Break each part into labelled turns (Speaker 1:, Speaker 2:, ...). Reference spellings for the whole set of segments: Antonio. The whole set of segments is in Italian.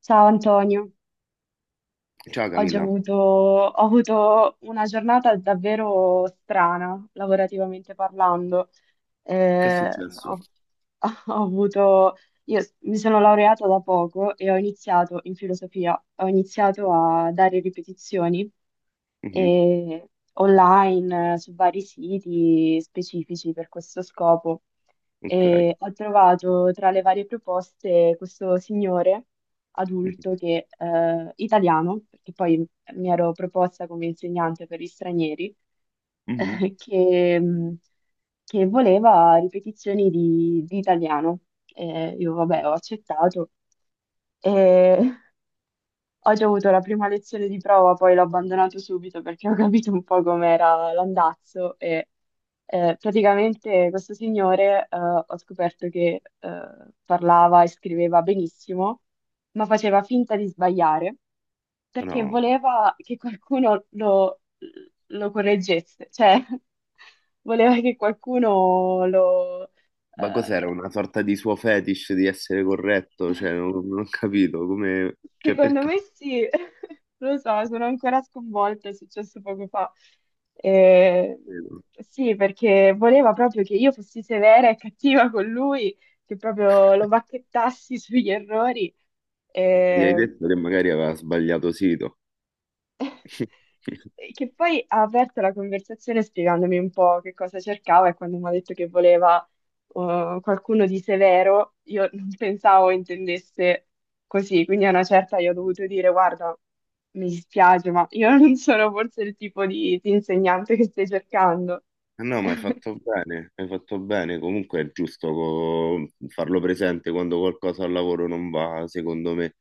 Speaker 1: Ciao Antonio,
Speaker 2: Ciao
Speaker 1: oggi ho
Speaker 2: Camilla,
Speaker 1: avuto, ho avuto una giornata davvero strana, lavorativamente parlando
Speaker 2: che è
Speaker 1: eh,
Speaker 2: successo?
Speaker 1: ho, ho avuto, io s- mi sono laureata da poco e ho iniziato in filosofia, ho iniziato a dare ripetizioni
Speaker 2: Mhm,
Speaker 1: e online su vari siti specifici per questo scopo.
Speaker 2: ok.
Speaker 1: E ho trovato tra le varie proposte questo signore adulto
Speaker 2: Mhm,
Speaker 1: che, italiano, perché poi mi ero proposta come insegnante per gli stranieri,
Speaker 2: mhm.
Speaker 1: eh, che mh, che voleva ripetizioni di italiano. E io, vabbè, ho accettato. E ho già avuto la prima lezione di prova, poi l'ho abbandonato subito perché ho capito un po' com'era l'andazzo e praticamente questo signore ho scoperto che parlava e scriveva benissimo, ma faceva finta di sbagliare perché
Speaker 2: No,
Speaker 1: voleva che qualcuno lo correggesse, cioè voleva che qualcuno
Speaker 2: ma cos'era?
Speaker 1: eh,
Speaker 2: Una sorta di suo fetish di essere corretto? Cioè, non ho capito come... Cioè,
Speaker 1: Secondo
Speaker 2: perché?
Speaker 1: me sì, lo so, sono ancora sconvolta, è successo poco fa. Eh, sì, perché voleva proprio che io fossi severa e cattiva con lui, che proprio lo bacchettassi sugli errori.
Speaker 2: Ma gli hai
Speaker 1: Eh,
Speaker 2: detto che magari aveva sbagliato sito?
Speaker 1: che poi ha aperto la conversazione spiegandomi un po' che cosa cercava e quando mi ha detto che voleva qualcuno di severo, io non pensavo intendesse così, quindi a una certa io ho dovuto dire: guarda, mi dispiace, ma io non sono forse il tipo di insegnante che stai cercando.
Speaker 2: No, ma hai fatto bene, hai fatto bene. Comunque è giusto farlo presente quando qualcosa al lavoro non va, secondo me.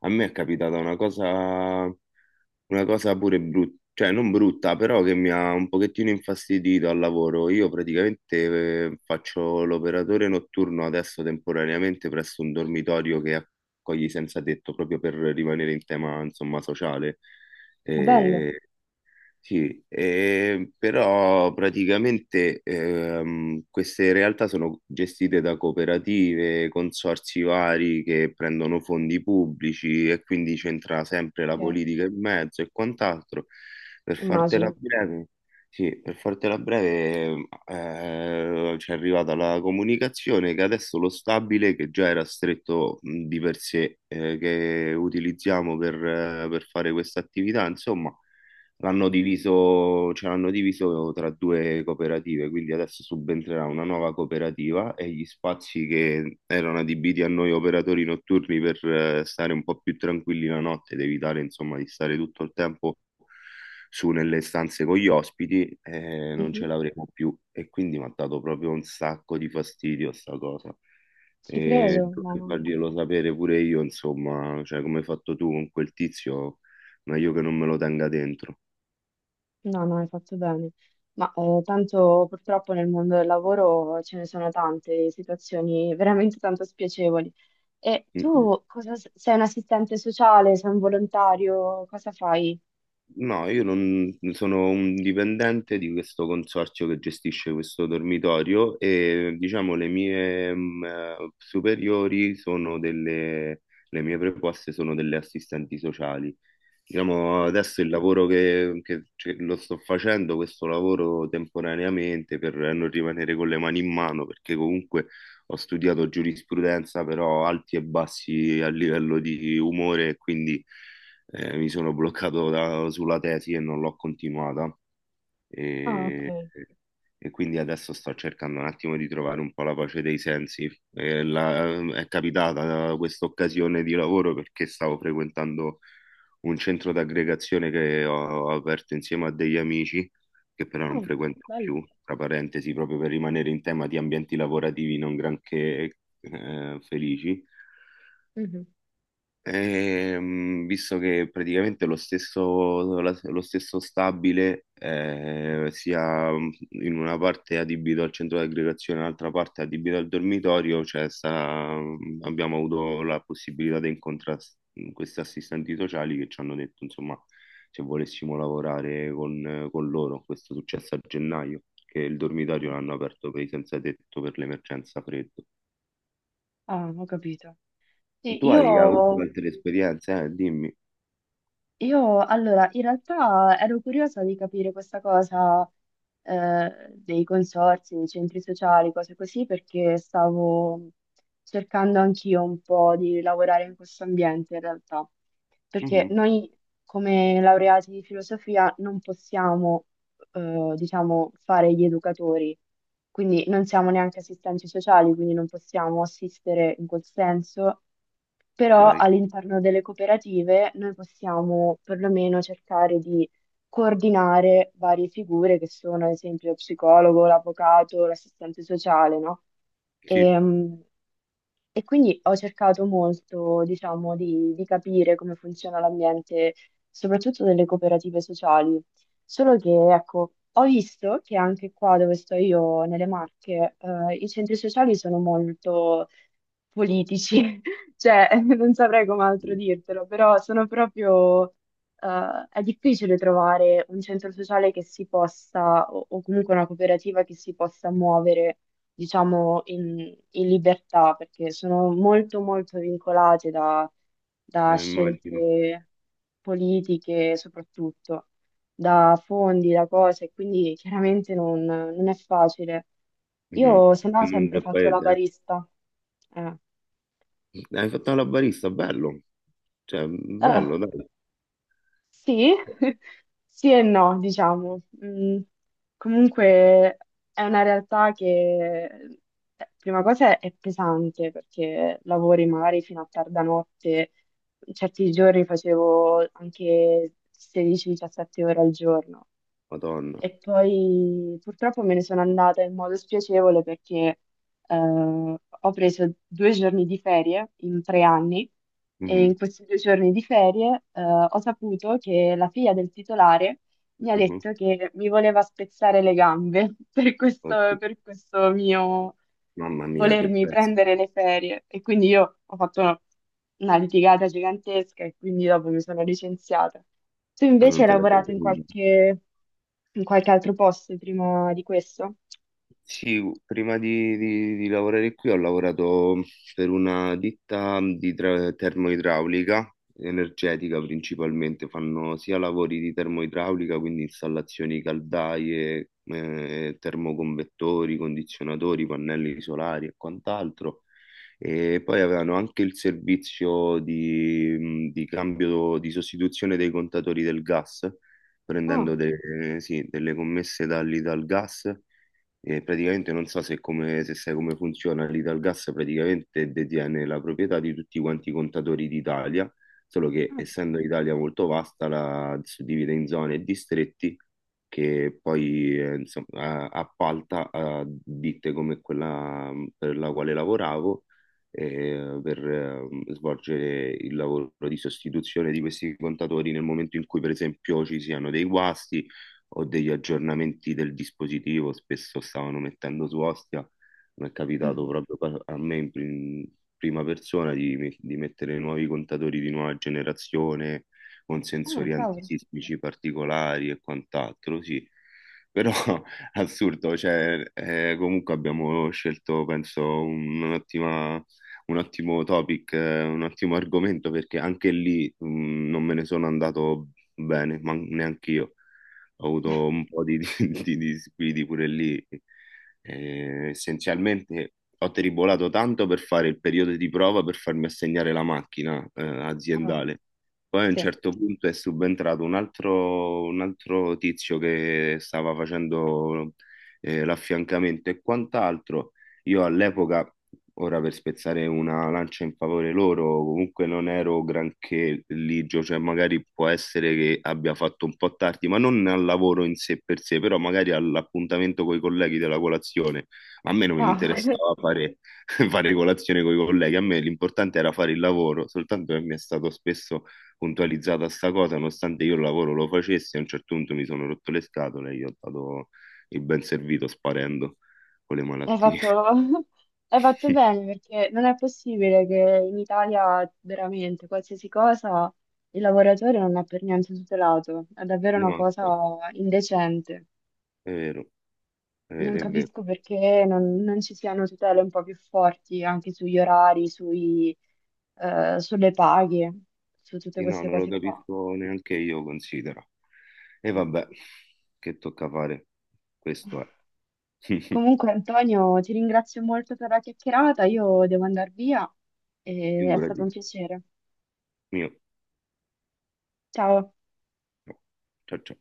Speaker 2: A me è capitata una cosa pure brutta, cioè non brutta, però che mi ha un pochettino infastidito al lavoro. Io praticamente faccio l'operatore notturno adesso temporaneamente presso un dormitorio che accoglie senza tetto, proprio per rimanere in tema, insomma, sociale.
Speaker 1: Ah, bello.
Speaker 2: Sì, però praticamente queste realtà sono gestite da cooperative, consorzi vari che prendono fondi pubblici e quindi c'entra sempre la
Speaker 1: Eh,
Speaker 2: politica in mezzo e quant'altro. Per fartela
Speaker 1: immagino.
Speaker 2: breve, sì, per fartela breve, ci è arrivata la comunicazione che adesso lo stabile, che già era stretto di per sé, che utilizziamo per fare questa attività, insomma l'hanno diviso, ce l'hanno diviso tra due cooperative, quindi adesso subentrerà una nuova cooperativa e gli spazi che erano adibiti a noi operatori notturni per stare un po' più tranquilli la notte ed evitare insomma di stare tutto il tempo su nelle stanze con gli ospiti, non ce
Speaker 1: Mhm.
Speaker 2: l'avremo più e quindi mi ha dato proprio un sacco di fastidio sta cosa.
Speaker 1: Ci
Speaker 2: E
Speaker 1: credo,
Speaker 2: dovrei
Speaker 1: mamma mia.
Speaker 2: farglielo sapere pure io, insomma, cioè come hai fatto tu con quel tizio, meglio che non me lo tenga dentro.
Speaker 1: No, no, hai fatto bene. Ma tanto purtroppo nel mondo del lavoro ce ne sono tante di situazioni veramente tanto spiacevoli. E
Speaker 2: Mm,
Speaker 1: tu cosa sei un assistente sociale, sei un volontario, cosa fai?
Speaker 2: no, io non sono un dipendente di questo consorzio che gestisce questo dormitorio e diciamo le mie mm, superiori sono delle, le mie preposte sono delle assistenti sociali. Diciamo, adesso il lavoro che lo sto facendo, questo lavoro temporaneamente per non rimanere con le mani in mano, perché comunque ho studiato giurisprudenza, però alti e bassi a livello di umore, quindi mi sono bloccato sulla tesi e non l'ho continuata
Speaker 1: Ah,
Speaker 2: e,
Speaker 1: ok.
Speaker 2: e quindi adesso sto cercando un attimo di trovare un po' la pace dei sensi. È capitata questa occasione di lavoro perché stavo frequentando un centro d'aggregazione che ho aperto insieme a degli amici che però non
Speaker 1: Ah,
Speaker 2: frequento
Speaker 1: bello.
Speaker 2: più, tra parentesi, proprio per rimanere in tema di ambienti lavorativi non granché felici.
Speaker 1: Mhm.
Speaker 2: Visto che praticamente lo stesso stabile sia mm, in una parte adibito al centro di aggregazione, l'altra parte adibito al dormitorio, abbiamo avuto la possibilità di incontrare questi assistenti sociali che ci hanno detto, insomma, se volessimo lavorare con loro. Questo è successo a gennaio, che il dormitorio l'hanno aperto per i senza tetto per l'emergenza freddo.
Speaker 1: Ah, ho capito. Sì,
Speaker 2: Tu hai avuto
Speaker 1: io
Speaker 2: altre esperienze, eh? Dimmi.
Speaker 1: Io allora, in realtà ero curiosa di capire questa cosa dei consorzi, dei centri sociali, cose così, perché stavo cercando anch'io un po' di lavorare in questo ambiente in realtà, perché
Speaker 2: Mhm,
Speaker 1: noi come laureati di filosofia non possiamo, diciamo, fare gli educatori, quindi non siamo neanche assistenti sociali, quindi non possiamo assistere in quel senso, però
Speaker 2: ok.
Speaker 1: all'interno delle cooperative noi possiamo perlomeno cercare di coordinare varie figure che sono ad esempio lo psicologo, l'avvocato, l'assistente sociale, no?
Speaker 2: Sì,
Speaker 1: Ehm, e quindi ho cercato molto, diciamo, di capire come funziona l'ambiente, soprattutto delle cooperative sociali. Solo che, ecco, ho visto che anche qua dove sto io, nelle Marche, i centri sociali sono molto politici, cioè non saprei come altro
Speaker 2: sì,
Speaker 1: dirtelo, però sono proprio, è difficile trovare un centro sociale che si possa, o comunque una cooperativa che si possa muovere, diciamo, in, libertà, perché sono molto, molto vincolate da
Speaker 2: immagino.
Speaker 1: scelte politiche, soprattutto da fondi, da cose, quindi chiaramente non è facile.
Speaker 2: Mhm.
Speaker 1: Io se no
Speaker 2: Tutto
Speaker 1: ho
Speaker 2: il
Speaker 1: sempre
Speaker 2: mondo è
Speaker 1: fatto la
Speaker 2: paese,
Speaker 1: barista. Eh.
Speaker 2: eh. Hai fatto la barista, bello. Cioè,
Speaker 1: Eh,
Speaker 2: bello, dai.
Speaker 1: sì, sì e no, diciamo. Comunque è una realtà che, prima cosa, è pesante perché lavori magari fino a tarda notte, certi giorni facevo anche 16-17 ore al giorno
Speaker 2: Madonna.
Speaker 1: e poi purtroppo me ne sono andata in modo spiacevole perché eh, ho preso 2 giorni di ferie in 3 anni e in
Speaker 2: Mhm,
Speaker 1: questi 2 giorni di ferie ho saputo che la figlia del titolare mi ha
Speaker 2: mhm.
Speaker 1: detto che mi voleva spezzare le gambe
Speaker 2: Oddio,
Speaker 1: per questo mio
Speaker 2: mamma mia, che
Speaker 1: volermi
Speaker 2: pezzo.
Speaker 1: prendere le ferie. E quindi io ho fatto una litigata gigantesca e quindi dopo mi sono licenziata. Tu
Speaker 2: Ah,
Speaker 1: invece
Speaker 2: non
Speaker 1: hai
Speaker 2: te la sei
Speaker 1: lavorato in
Speaker 2: tenuta.
Speaker 1: qualche, in qualche altro posto prima di questo?
Speaker 2: Sì, prima di, di lavorare qui ho lavorato per una ditta di termoidraulica, energetica principalmente, fanno sia lavori di termoidraulica, quindi installazioni caldaie, termoconvettori, condizionatori, pannelli solari e quant'altro, e poi avevano anche il servizio di cambio, di sostituzione dei contatori del gas, prendendo
Speaker 1: Ah,
Speaker 2: sì, delle commesse dall'Italgas. E praticamente non so se, come, se sai come funziona, l'Italgas praticamente detiene la proprietà di tutti quanti i contatori d'Italia, solo che
Speaker 1: ah,
Speaker 2: essendo l'Italia molto vasta la suddivide in zone e distretti che poi insomma, appalta a ditte come quella per la quale lavoravo per svolgere il lavoro di sostituzione di questi contatori nel momento in cui per esempio ci siano dei guasti o degli aggiornamenti del dispositivo, spesso stavano mettendo su Ostia, mi è capitato
Speaker 1: mhm.
Speaker 2: proprio a me prima persona di, di mettere nuovi contatori di nuova generazione con
Speaker 1: Ah,
Speaker 2: sensori
Speaker 1: cavolo.
Speaker 2: antisismici particolari e quant'altro, sì. Però assurdo, cioè, comunque abbiamo scelto, penso, un ottimo topic, un ottimo argomento perché anche lì non me ne sono andato bene, ma neanche io ho avuto un po' di di disguidi pure lì. Essenzialmente ho tribolato tanto per fare il periodo di prova per farmi assegnare la macchina,
Speaker 1: Ah,
Speaker 2: aziendale. Poi a un
Speaker 1: sì.
Speaker 2: certo punto è subentrato un altro tizio che stava facendo l'affiancamento e quant'altro. Io all'epoca, ora per spezzare una lancia in favore loro, comunque non ero granché ligio, cioè magari può essere che abbia fatto un po' tardi, ma non al lavoro in sé per sé, però magari all'appuntamento con i colleghi della colazione. A me non mi
Speaker 1: Ah,
Speaker 2: interessava fare, fare colazione con i colleghi, a me l'importante era fare il lavoro, soltanto che mi è stato spesso puntualizzata sta cosa, nonostante io il lavoro lo facessi, a un certo punto mi sono rotto le scatole e gli ho dato il ben servito sparendo con le
Speaker 1: hai
Speaker 2: malattie.
Speaker 1: fatto, hai fatto bene perché non è possibile che in Italia veramente qualsiasi cosa il lavoratore non è per niente tutelato. È davvero una
Speaker 2: No,
Speaker 1: cosa
Speaker 2: infatti,
Speaker 1: indecente.
Speaker 2: è vero, è
Speaker 1: Non
Speaker 2: vero, è vero.
Speaker 1: capisco perché non ci siano tutele un po' più forti anche sugli orari, sulle paghe, su tutte
Speaker 2: Sì, no,
Speaker 1: queste
Speaker 2: non lo
Speaker 1: cose qua.
Speaker 2: capisco neanche io, considero. E
Speaker 1: Mm.
Speaker 2: vabbè, che tocca fare? Questo è.
Speaker 1: Comunque, Antonio, ti ringrazio molto per la chiacchierata. Io devo andare via e è stato un
Speaker 2: Figurati.
Speaker 1: piacere.
Speaker 2: Mio.
Speaker 1: Ciao.
Speaker 2: No. Ciao ciao.